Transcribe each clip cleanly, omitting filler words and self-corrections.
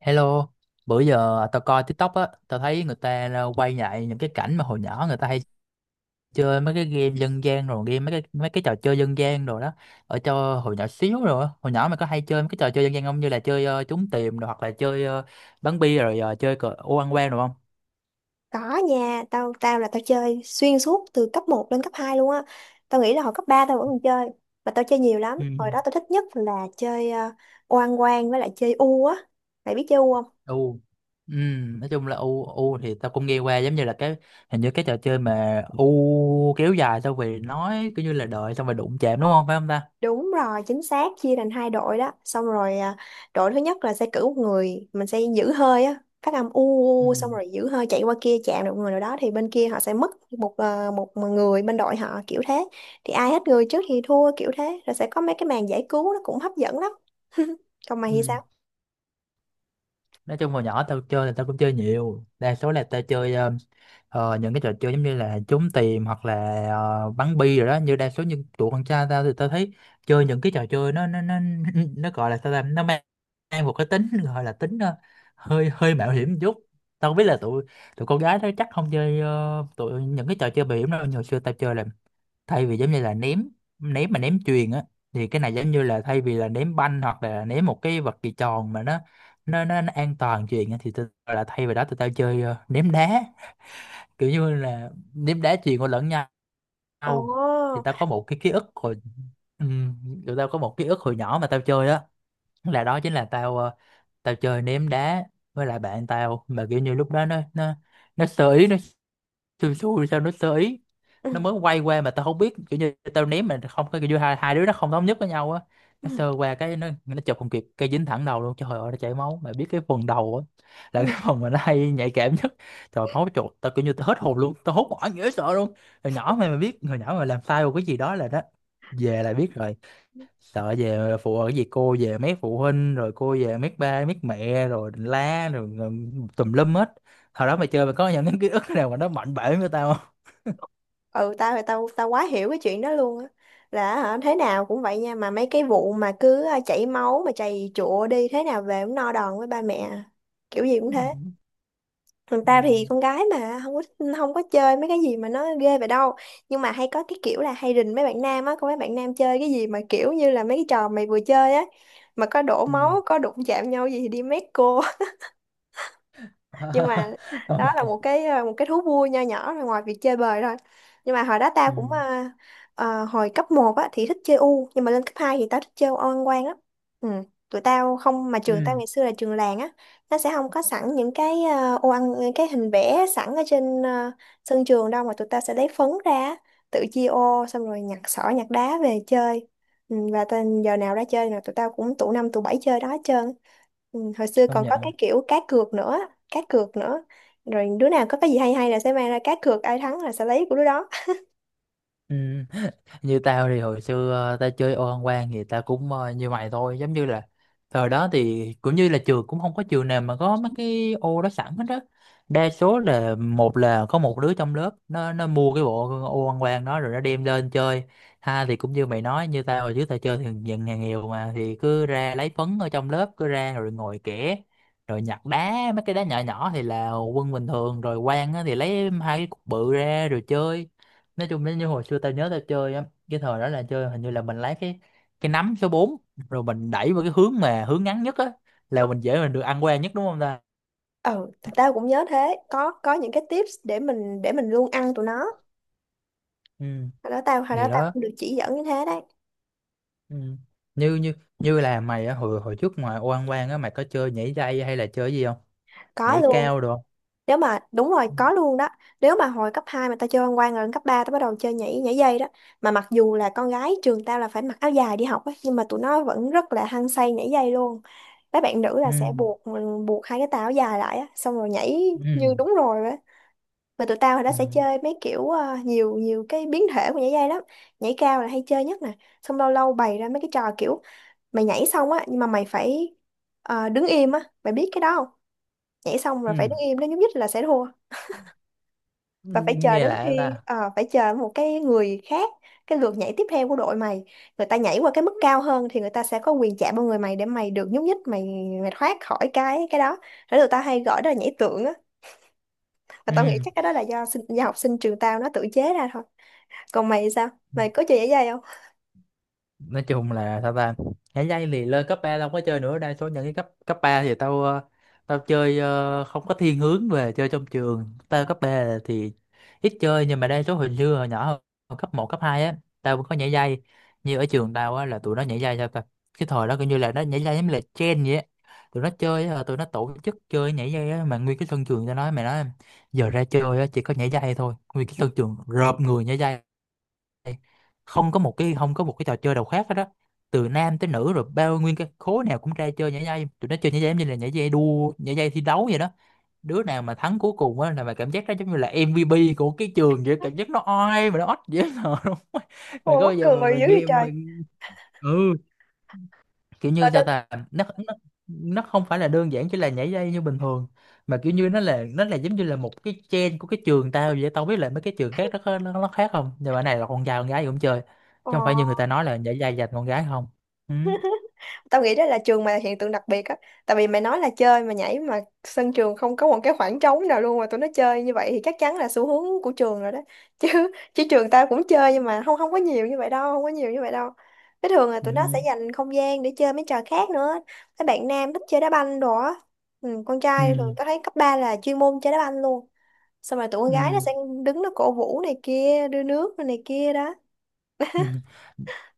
Hello, bữa giờ tao coi TikTok á, tao thấy người ta ra quay lại những cái cảnh mà hồi nhỏ người ta hay chơi mấy cái game dân gian rồi game mấy cái trò chơi dân gian rồi đó. Ở cho hồi nhỏ xíu rồi, á. Hồi nhỏ mày có hay chơi mấy cái trò chơi dân gian không, như là chơi trốn tìm rồi, hoặc là chơi bắn bi rồi chơi cờ ô ăn quan rồi không? Có nha, tao tao là tao chơi xuyên suốt từ cấp một lên cấp 2 luôn á. Tao nghĩ là hồi cấp 3 tao vẫn còn chơi, mà tao chơi nhiều lắm. Ừ. Hồi đó tao thích nhất là chơi oan quan với lại chơi u á. Mày biết chơi u không? U. Ừ, nói chung là u u thì tao cũng nghe qua, giống như là cái hình như cái trò chơi mà u kéo dài xong rồi nói kiểu như là đợi xong rồi đụng chạm, đúng không, phải không ta? Đúng rồi, chính xác, chia thành hai đội đó. Xong rồi à, đội thứ nhất là sẽ cử một người, mình sẽ giữ hơi á, phát âm u, Ừ. u, u, xong rồi giữ hơi chạy qua kia chạm được người nào đó thì bên kia họ sẽ mất một à, một người bên đội họ kiểu thế. Thì ai hết người trước thì thua kiểu thế, rồi sẽ có mấy cái màn giải cứu nó cũng hấp dẫn lắm. Còn mày thì Ừ. sao? Nói chung hồi nhỏ tao chơi là tao cũng chơi nhiều, đa số là tao chơi những cái trò chơi giống như là trốn tìm hoặc là bắn bi rồi đó, như đa số những tụi con trai. Tao thì tao thấy chơi những cái trò chơi nó nó gọi là sao ta, nó mang, mang một cái tính gọi là tính hơi hơi mạo hiểm một chút. Tao không biết là tụi tụi con gái đó chắc không chơi tụi những cái trò chơi mạo hiểm đâu. Hồi xưa tao chơi là thay vì giống như là ném ném mà ném chuyền á, thì cái này giống như là thay vì là ném banh hoặc là ném một cái vật gì tròn mà nó an toàn chuyền á, thì tôi là thay vì đó tụi tao chơi ném đá, kiểu như là ném đá chuyền qua lẫn Ồ. nhau. Thì tao có một cái ký ức hồi ừ, tụi tao có một ký ức hồi nhỏ mà tao chơi á, là đó chính là tao tao chơi ném đá với lại bạn tao, mà kiểu như lúc đó nó sơ ý, nó xui xui sao nó sơ ý, nó Ừ. mới quay qua mà tao không biết, kiểu như tao ném mà không có kiểu như hai đứa nó không thống nhất với nhau á, nó sơ qua cái nó chụp không kịp, cây dính thẳng đầu luôn. Trời ơi, nó chảy máu, mày biết cái phần đầu á là Ừ. cái phần mà nó hay nhạy cảm nhất. Trời máu chuột, tao kiểu như tao hết hồn luôn, tao hốt hoảng dễ sợ luôn. Hồi nhỏ mày mà biết, hồi nhỏ mà làm sai một cái gì đó là đó, về là biết rồi, sợ về phụ ở gì cô, về mấy phụ huynh rồi cô, về mấy ba mấy mẹ rồi đỉnh la rồi, rồi tùm lum hết. Hồi đó mày chơi mày có những cái ký ức nào mà nó mạnh bể với tao không? ừ tao thì tao tao quá hiểu cái chuyện đó luôn á, là hả, thế nào cũng vậy nha mà mấy cái vụ mà cứ chảy máu mà chày chụa đi thế nào về cũng no đòn với ba mẹ à. Kiểu gì cũng Ừ. thế. Còn tao thì Ừ. con gái mà không có, không có chơi mấy cái gì mà nó ghê vậy đâu, nhưng mà hay có cái kiểu là hay rình mấy bạn nam á, có mấy bạn nam chơi cái gì mà kiểu như là mấy cái trò mày vừa chơi á mà có đổ Ừ. máu có đụng chạm nhau gì thì đi mét cô. Nhưng mà đó là Công- một cái một cái thú vui nho nhỏ rồi ngoài việc chơi bời thôi. Nhưng mà hồi đó tao ừ, cũng hồi cấp một á thì thích chơi u, nhưng mà lên cấp 2 thì tao thích chơi oan quan á. Ừ. Tụi tao không, mà trường tao ừ. ngày xưa là trường làng á, nó sẽ không có sẵn những cái ô ăn, những cái hình vẽ sẵn ở trên sân trường đâu, mà tụi tao sẽ lấy phấn ra á, tự chia ô xong rồi nhặt sỏi nhặt đá về chơi. Ừ. Và tên giờ nào ra chơi là tụi tao cũng tụ năm tụ bảy chơi đó hết trơn. Ừ, hồi xưa Công còn có nhận. cái kiểu cá cược nữa, cá cược nữa, rồi đứa nào có cái gì hay hay là sẽ mang ra cá cược, ai thắng là sẽ lấy của đứa đó. Ừ. Như tao thì hồi xưa tao chơi ô ăn quan thì tao cũng như mày thôi, giống như là thời đó thì cũng như là trường, cũng không có trường nào mà có mấy cái ô đó sẵn hết đó. Đa số là một là có một đứa trong lớp nó mua cái bộ ô ăn quan đó rồi nó đem lên chơi. Ha, thì cũng như mày nói, như tao hồi trước tao chơi thì dần nhà nghèo mà, thì cứ ra lấy phấn ở trong lớp, cứ ra rồi ngồi kẻ, rồi nhặt đá mấy cái đá nhỏ nhỏ thì là quân bình thường, rồi quan á thì lấy hai cái cục bự ra rồi chơi. Nói chung nếu như hồi xưa tao nhớ tao chơi á, cái thời đó là chơi hình như là mình lấy cái nắm số bốn, rồi mình đẩy vào cái hướng mà hướng ngắn nhất á, là mình dễ mình được ăn qua nhất, đúng không ta? Ừ, thì tao cũng nhớ thế, có những cái tips để mình luôn ăn tụi nó. Ừ. Hồi đó tao hồi đó Thì tao đó. cũng được chỉ dẫn như thế đấy. Ừ. như như như là mày á, hồi hồi trước ngoài oan oan á, mày có chơi nhảy dây hay là chơi gì không? Có Nhảy luôn. cao được không? Nếu mà đúng rồi, có luôn đó. Nếu mà hồi cấp 2 mà tao chơi văn quan rồi lên cấp 3 tao bắt đầu chơi nhảy nhảy dây đó. Mà mặc dù là con gái trường tao là phải mặc áo dài đi học ấy, nhưng mà tụi nó vẫn rất là hăng say nhảy dây luôn. Mấy bạn nữ Ừ. là sẽ buộc buộc hai cái tà áo dài lại á, xong rồi nhảy Ừ. như đúng rồi. Mà tụi tao hồi đó Ừ. sẽ chơi mấy kiểu nhiều nhiều cái biến thể của nhảy dây lắm. Nhảy cao là hay chơi nhất nè. Xong lâu lâu bày ra mấy cái trò kiểu mày nhảy xong á, nhưng mà mày phải đứng im á, mày biết cái đó không? Nhảy xong rồi phải Ừ, đứng im, nếu nhúc nhích là sẽ thua, ừ. và phải chờ Nghe đến lạ khi ta. Phải chờ một cái người khác, cái lượt nhảy tiếp theo của đội mày, người ta nhảy qua cái mức cao hơn thì người ta sẽ có quyền chạm vào người mày để mày được nhúc nhích, mày mày thoát khỏi cái đó. Thế tụi tao hay gọi đó là nhảy tượng á, và tao nghĩ Ừ. chắc cái đó là do học sinh trường tao nó tự chế ra thôi. Còn mày thì sao? Ừ. Mày có chơi giải dây không? Nói chung là sao ta, nhảy dây thì lên cấp 3 tao không có chơi nữa, đa số những cái cấp cấp 3 thì tao tao chơi không có thiên hướng về chơi trong trường, tao cấp 3 thì ít chơi. Nhưng mà đa số hồi xưa hồi nhỏ, hồi cấp một cấp 2 á, tao cũng có nhảy dây. Như ở trường tao á là tụi nó nhảy dây sao ta, cái thời đó coi như là nó nhảy dây giống như là trend vậy á. Tụi nó chơi á, tụi nó tổ chức chơi nhảy dây á, mà nguyên cái sân trường, tao nói mày nói, giờ ra chơi á chỉ có nhảy dây thôi, nguyên cái sân trường rợp người nhảy dây. Không có một cái không có một cái trò chơi nào khác hết đó, từ nam tới nữ rồi bao nguyên cái khối nào cũng ra chơi nhảy dây. Tụi nó chơi nhảy dây giống như là nhảy dây đua, nhảy dây thi đấu vậy đó. Đứa nào mà thắng cuối cùng á, là mà cảm giác đó giống như là MVP của cái trường vậy, cảm giác nó oai mà nó ót dễ sợ luôn. Mày có Ôi bao mắc giờ mà cười mày dữ vậy nghe trời. mình, ừ, kiểu Và như sao tao. ta, nó không phải là đơn giản chỉ là nhảy dây như bình thường, mà kiểu như nó là giống như là một cái trend của cái trường tao vậy. Tao không biết là mấy cái trường khác nó khác không, nhưng mà cái này là con trai con gái gì cũng chơi, chứ Ờ, không phải như người ta nói là nhảy dây dành con gái không. Ừ. tao nghĩ đó là trường mày là hiện tượng đặc biệt á. Tại vì mày nói là chơi mà nhảy mà sân trường không có một cái khoảng trống nào luôn mà tụi nó chơi như vậy thì chắc chắn là xu hướng của trường rồi đó. Chứ chứ trường tao cũng chơi nhưng mà không không có nhiều như vậy đâu, không có nhiều như vậy đâu. Cái thường là tụi nó Ừ. sẽ dành không gian để chơi mấy trò khác nữa. Mấy bạn nam thích chơi đá banh đồ á. Ừ, con trai thường Ừ. tao thấy cấp 3 là chuyên môn chơi đá banh luôn. Xong rồi tụi con Ừ. gái nó Ừ. sẽ đứng nó cổ vũ này kia, đưa nước này kia đó. Ừ.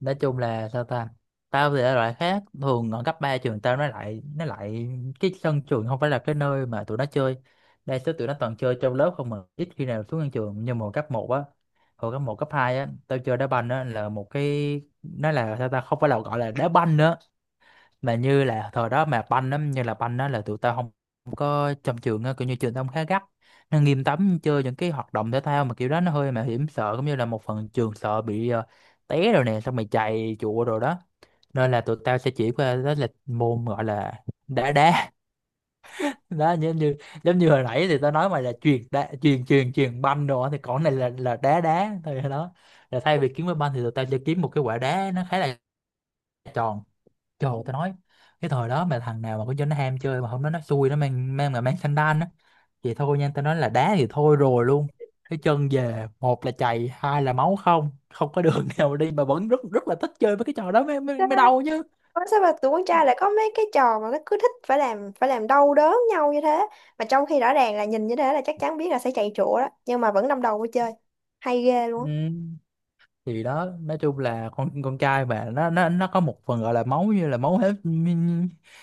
Nói chung là sao ta, tao thì ở loại khác thường, ở cấp 3 trường tao nó lại cái sân trường không phải là cái nơi mà tụi nó chơi, đa số tụi nó toàn chơi trong lớp không, mà ít khi nào xuống sân trường. Nhưng mà hồi cấp một á, hồi cấp một cấp 2 á, tao chơi đá banh á là một cái nó là sao ta, không phải là gọi là đá banh nữa, mà như là thời đó mà banh lắm, như là banh đó là tụi tao không, không có trong trường á, kiểu như trường tao cũng khá gắt, nó nghiêm cấm chơi những cái hoạt động thể thao mà kiểu đó nó hơi mạo hiểm, sợ cũng như là một phần trường sợ bị té rồi nè, xong mày chạy chùa rồi đó. Nên là tụi tao sẽ chỉ qua đó là môn gọi là đá đá. Đó giống như, giống như hồi nãy thì tao nói mày là chuyền đá, chuyền chuyền chuyền banh đồ á, thì còn này là đá đá thôi đó, là thay vì kiếm cái banh thì tụi tao sẽ kiếm một cái quả đá, nó khá là tròn. Trời tao nói, cái thời đó mà thằng nào mà có cho nó ham chơi mà không nói, nó xui nó mang mang mà mang sandal á, thì thôi nha, tao nói là đá thì thôi rồi luôn, cái chân về một là chày hai là máu, không không có đường nào đi, mà vẫn rất rất là thích chơi với cái trò đó mới mới, Sao, mới đau chứ. ủa sao mà tụi con trai lại có mấy cái trò mà nó cứ thích phải làm đau đớn nhau như thế, mà trong khi rõ ràng là nhìn như thế là chắc chắn biết là sẽ chạy chỗ đó nhưng mà vẫn đâm đầu vô chơi, hay ghê luôn Ừ. á. Thì đó, nói chung là con trai mà nó có một phần gọi là máu, như là máu hết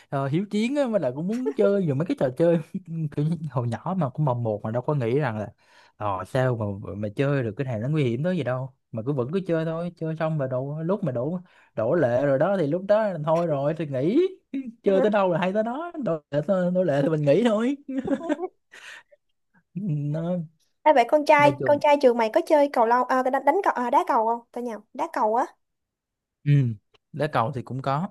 ờ, hiếu chiến á, với lại cũng muốn chơi dù mấy cái trò chơi kiểu như hồi nhỏ mà cũng mồng một mà đâu có nghĩ rằng là sao mà chơi được cái này nó nguy hiểm tới gì đâu mà cứ vẫn cứ chơi thôi. Chơi xong mà đổ, lúc mà đổ đổ lệ rồi đó thì lúc đó là thôi rồi, thì nghỉ. Chơi tới đâu là hay tới đó, đổ lệ. Đổ lệ thì mình nghỉ thôi. Nó Ê, vậy nói con chung. trai trường mày có chơi cầu lông à, đánh cầu à, đá cầu không, tao nhầm, đá cầu á. Ừ, đá cầu thì cũng có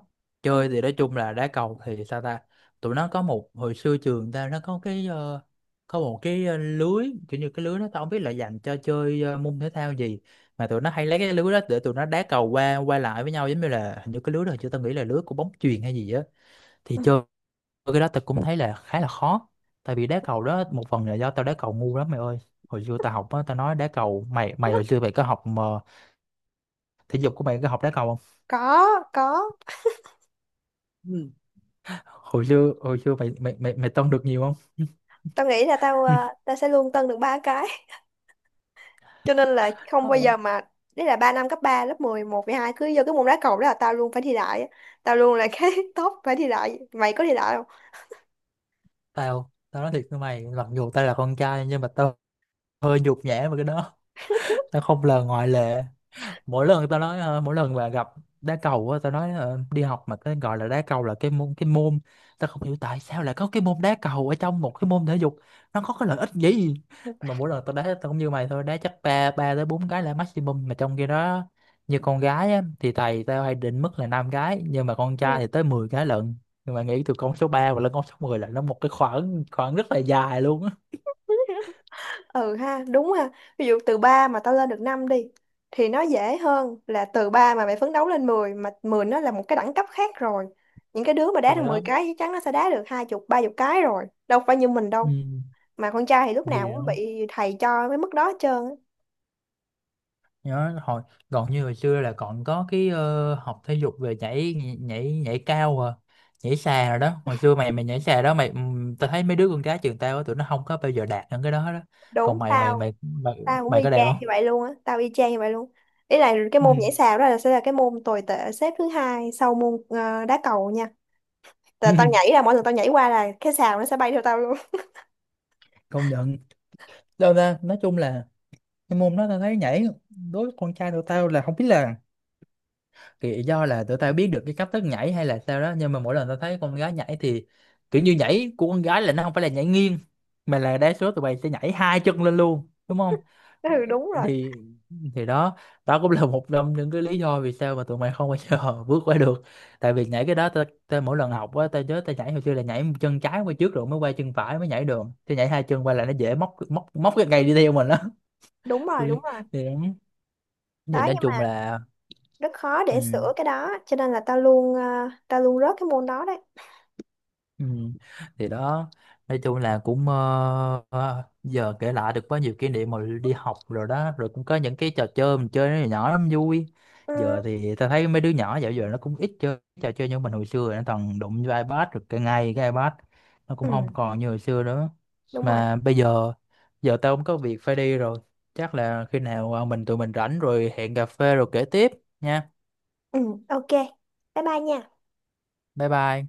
Ừ. chơi. Thì nói chung là đá cầu thì sao ta, tụi nó có một hồi xưa trường ta nó có cái có một cái lưới, kiểu như cái lưới nó, tao không biết là dành cho chơi môn thể thao gì mà tụi nó hay lấy cái lưới đó để tụi nó đá cầu qua qua lại với nhau, giống như là hình như cái lưới đó chứ tao nghĩ là lưới của bóng chuyền hay gì á. Thì Ừ. chơi cái đó tao cũng thấy là khá là khó, tại vì đá cầu đó một phần là do tao đá cầu ngu lắm mày ơi. Hồi xưa tao học á, tao nói đá cầu, mày mày hồi xưa mày có học mà, thể dục của mày có học đá cầu có có, không? Hồi xưa, hồi xưa mày mày mày mày tông được nhiều không? tao nghĩ là tao Ừ. Tao sẽ luôn tân được ba cái. Cho nên là không bao Không, giờ mà, đấy là ba năm cấp 3 lớp mười một 11, hai cứ vô cái môn đá cầu đó là tao luôn phải thi đại á. Tao luôn là cái top phải thi đại, mày có thi đại tao tao nói thiệt với mày, mặc dù tao là con trai nhưng mà tao hơi nhục nhã với cái đó. Tao không là ngoại lệ. Mỗi lần tao nói mỗi lần mà gặp đá cầu á, tao nói đi học mà cái gọi là đá cầu là cái môn, tao không hiểu tại sao lại có cái môn đá cầu ở trong một cái môn thể dục, nó có cái lợi ích gì. Mà mỗi lần tao đá tao cũng như mày thôi, đá chắc ba ba tới bốn cái là maximum, mà trong khi đó như con gái á, thì thầy tao hay định mức là năm cái nhưng mà con trai không? thì tới 10 cái lận. Nhưng mà nghĩ từ con số 3 và lên con số 10 là nó một cái khoảng khoảng rất là dài luôn á. Ừ ha, đúng ha. Ví dụ từ 3 mà tao lên được 5 đi thì nó dễ hơn là từ 3 mà mày phấn đấu lên mười, mà 10 nó là một cái đẳng cấp khác rồi. Những cái đứa mà đá Thì được 10 đó. cái chắc chắn nó sẽ đá được hai chục ba chục cái rồi, đâu phải như mình đâu. Ừ. Mà con trai thì lúc Thì nào cũng đó, bị thầy cho cái mức đó hết trơn á. nhớ hồi còn, như hồi xưa là còn có cái học thể dục về nhảy nhảy nhảy cao à, nhảy xà rồi đó. Hồi xưa mày mày nhảy xà đó mày, tao thấy mấy đứa con gái trường tao á, tụi nó không có bao giờ đạt được cái đó đó. Còn Đúng. mày mày Tao mày mày, Tao cũng mày y có đạt chang như không? vậy luôn á, tao y chang như vậy luôn. Ý là cái Ừ. môn nhảy sào đó là sẽ là cái môn tồi tệ xếp thứ hai sau môn đá cầu nha. Là tao nhảy là mỗi lần tao nhảy qua là cái sào nó sẽ bay theo tao luôn. Công nhận. Đâu ra, nói chung là cái môn đó tao thấy nhảy đối với con trai tụi tao là không biết là, thì do là tụi tao biết được cái cách thức nhảy hay là sao đó, nhưng mà mỗi lần tao thấy con gái nhảy thì kiểu như nhảy của con gái là nó không phải là nhảy nghiêng, mà là đa số tụi bay sẽ nhảy hai chân lên luôn đúng không? Ừ đúng rồi, Thì, thì đó, đó cũng là một trong những cái lý do vì sao mà tụi mày không bao giờ bước qua được. Tại vì nhảy cái đó tao, tao mỗi lần học á, tao nhớ tao nhảy hồi xưa là nhảy chân trái qua trước rồi mới qua chân phải mới nhảy được, thì nhảy hai chân qua là nó dễ móc móc móc cái cây đi theo mình đó. Tôi đúng rồi. thì, thì Đó nói nhưng chung mà là, rất khó ừ. để sửa cái đó, cho nên là tao luôn tao luôn rớt cái môn đó đấy. Ừ. Thì đó, nói chung là cũng giờ kể lại được quá nhiều kỷ niệm mà đi học rồi đó, rồi cũng có những cái trò chơi mình chơi nó nhỏ lắm vui. Ừ, Giờ thì ta thấy mấy đứa nhỏ dạo giờ nó cũng ít chơi trò chơi như mình hồi xưa rồi, nó toàn đụng vô iPad, rồi cái ngay cái iPad nó cũng ừ, không còn như hồi xưa nữa. đúng rồi. Mà bây giờ, giờ tao cũng có việc phải đi rồi, chắc là khi nào ờ, mình tụi mình rảnh rồi hẹn cà phê rồi kể tiếp nha. Ừ, ok, bye bye nha. Bye bye.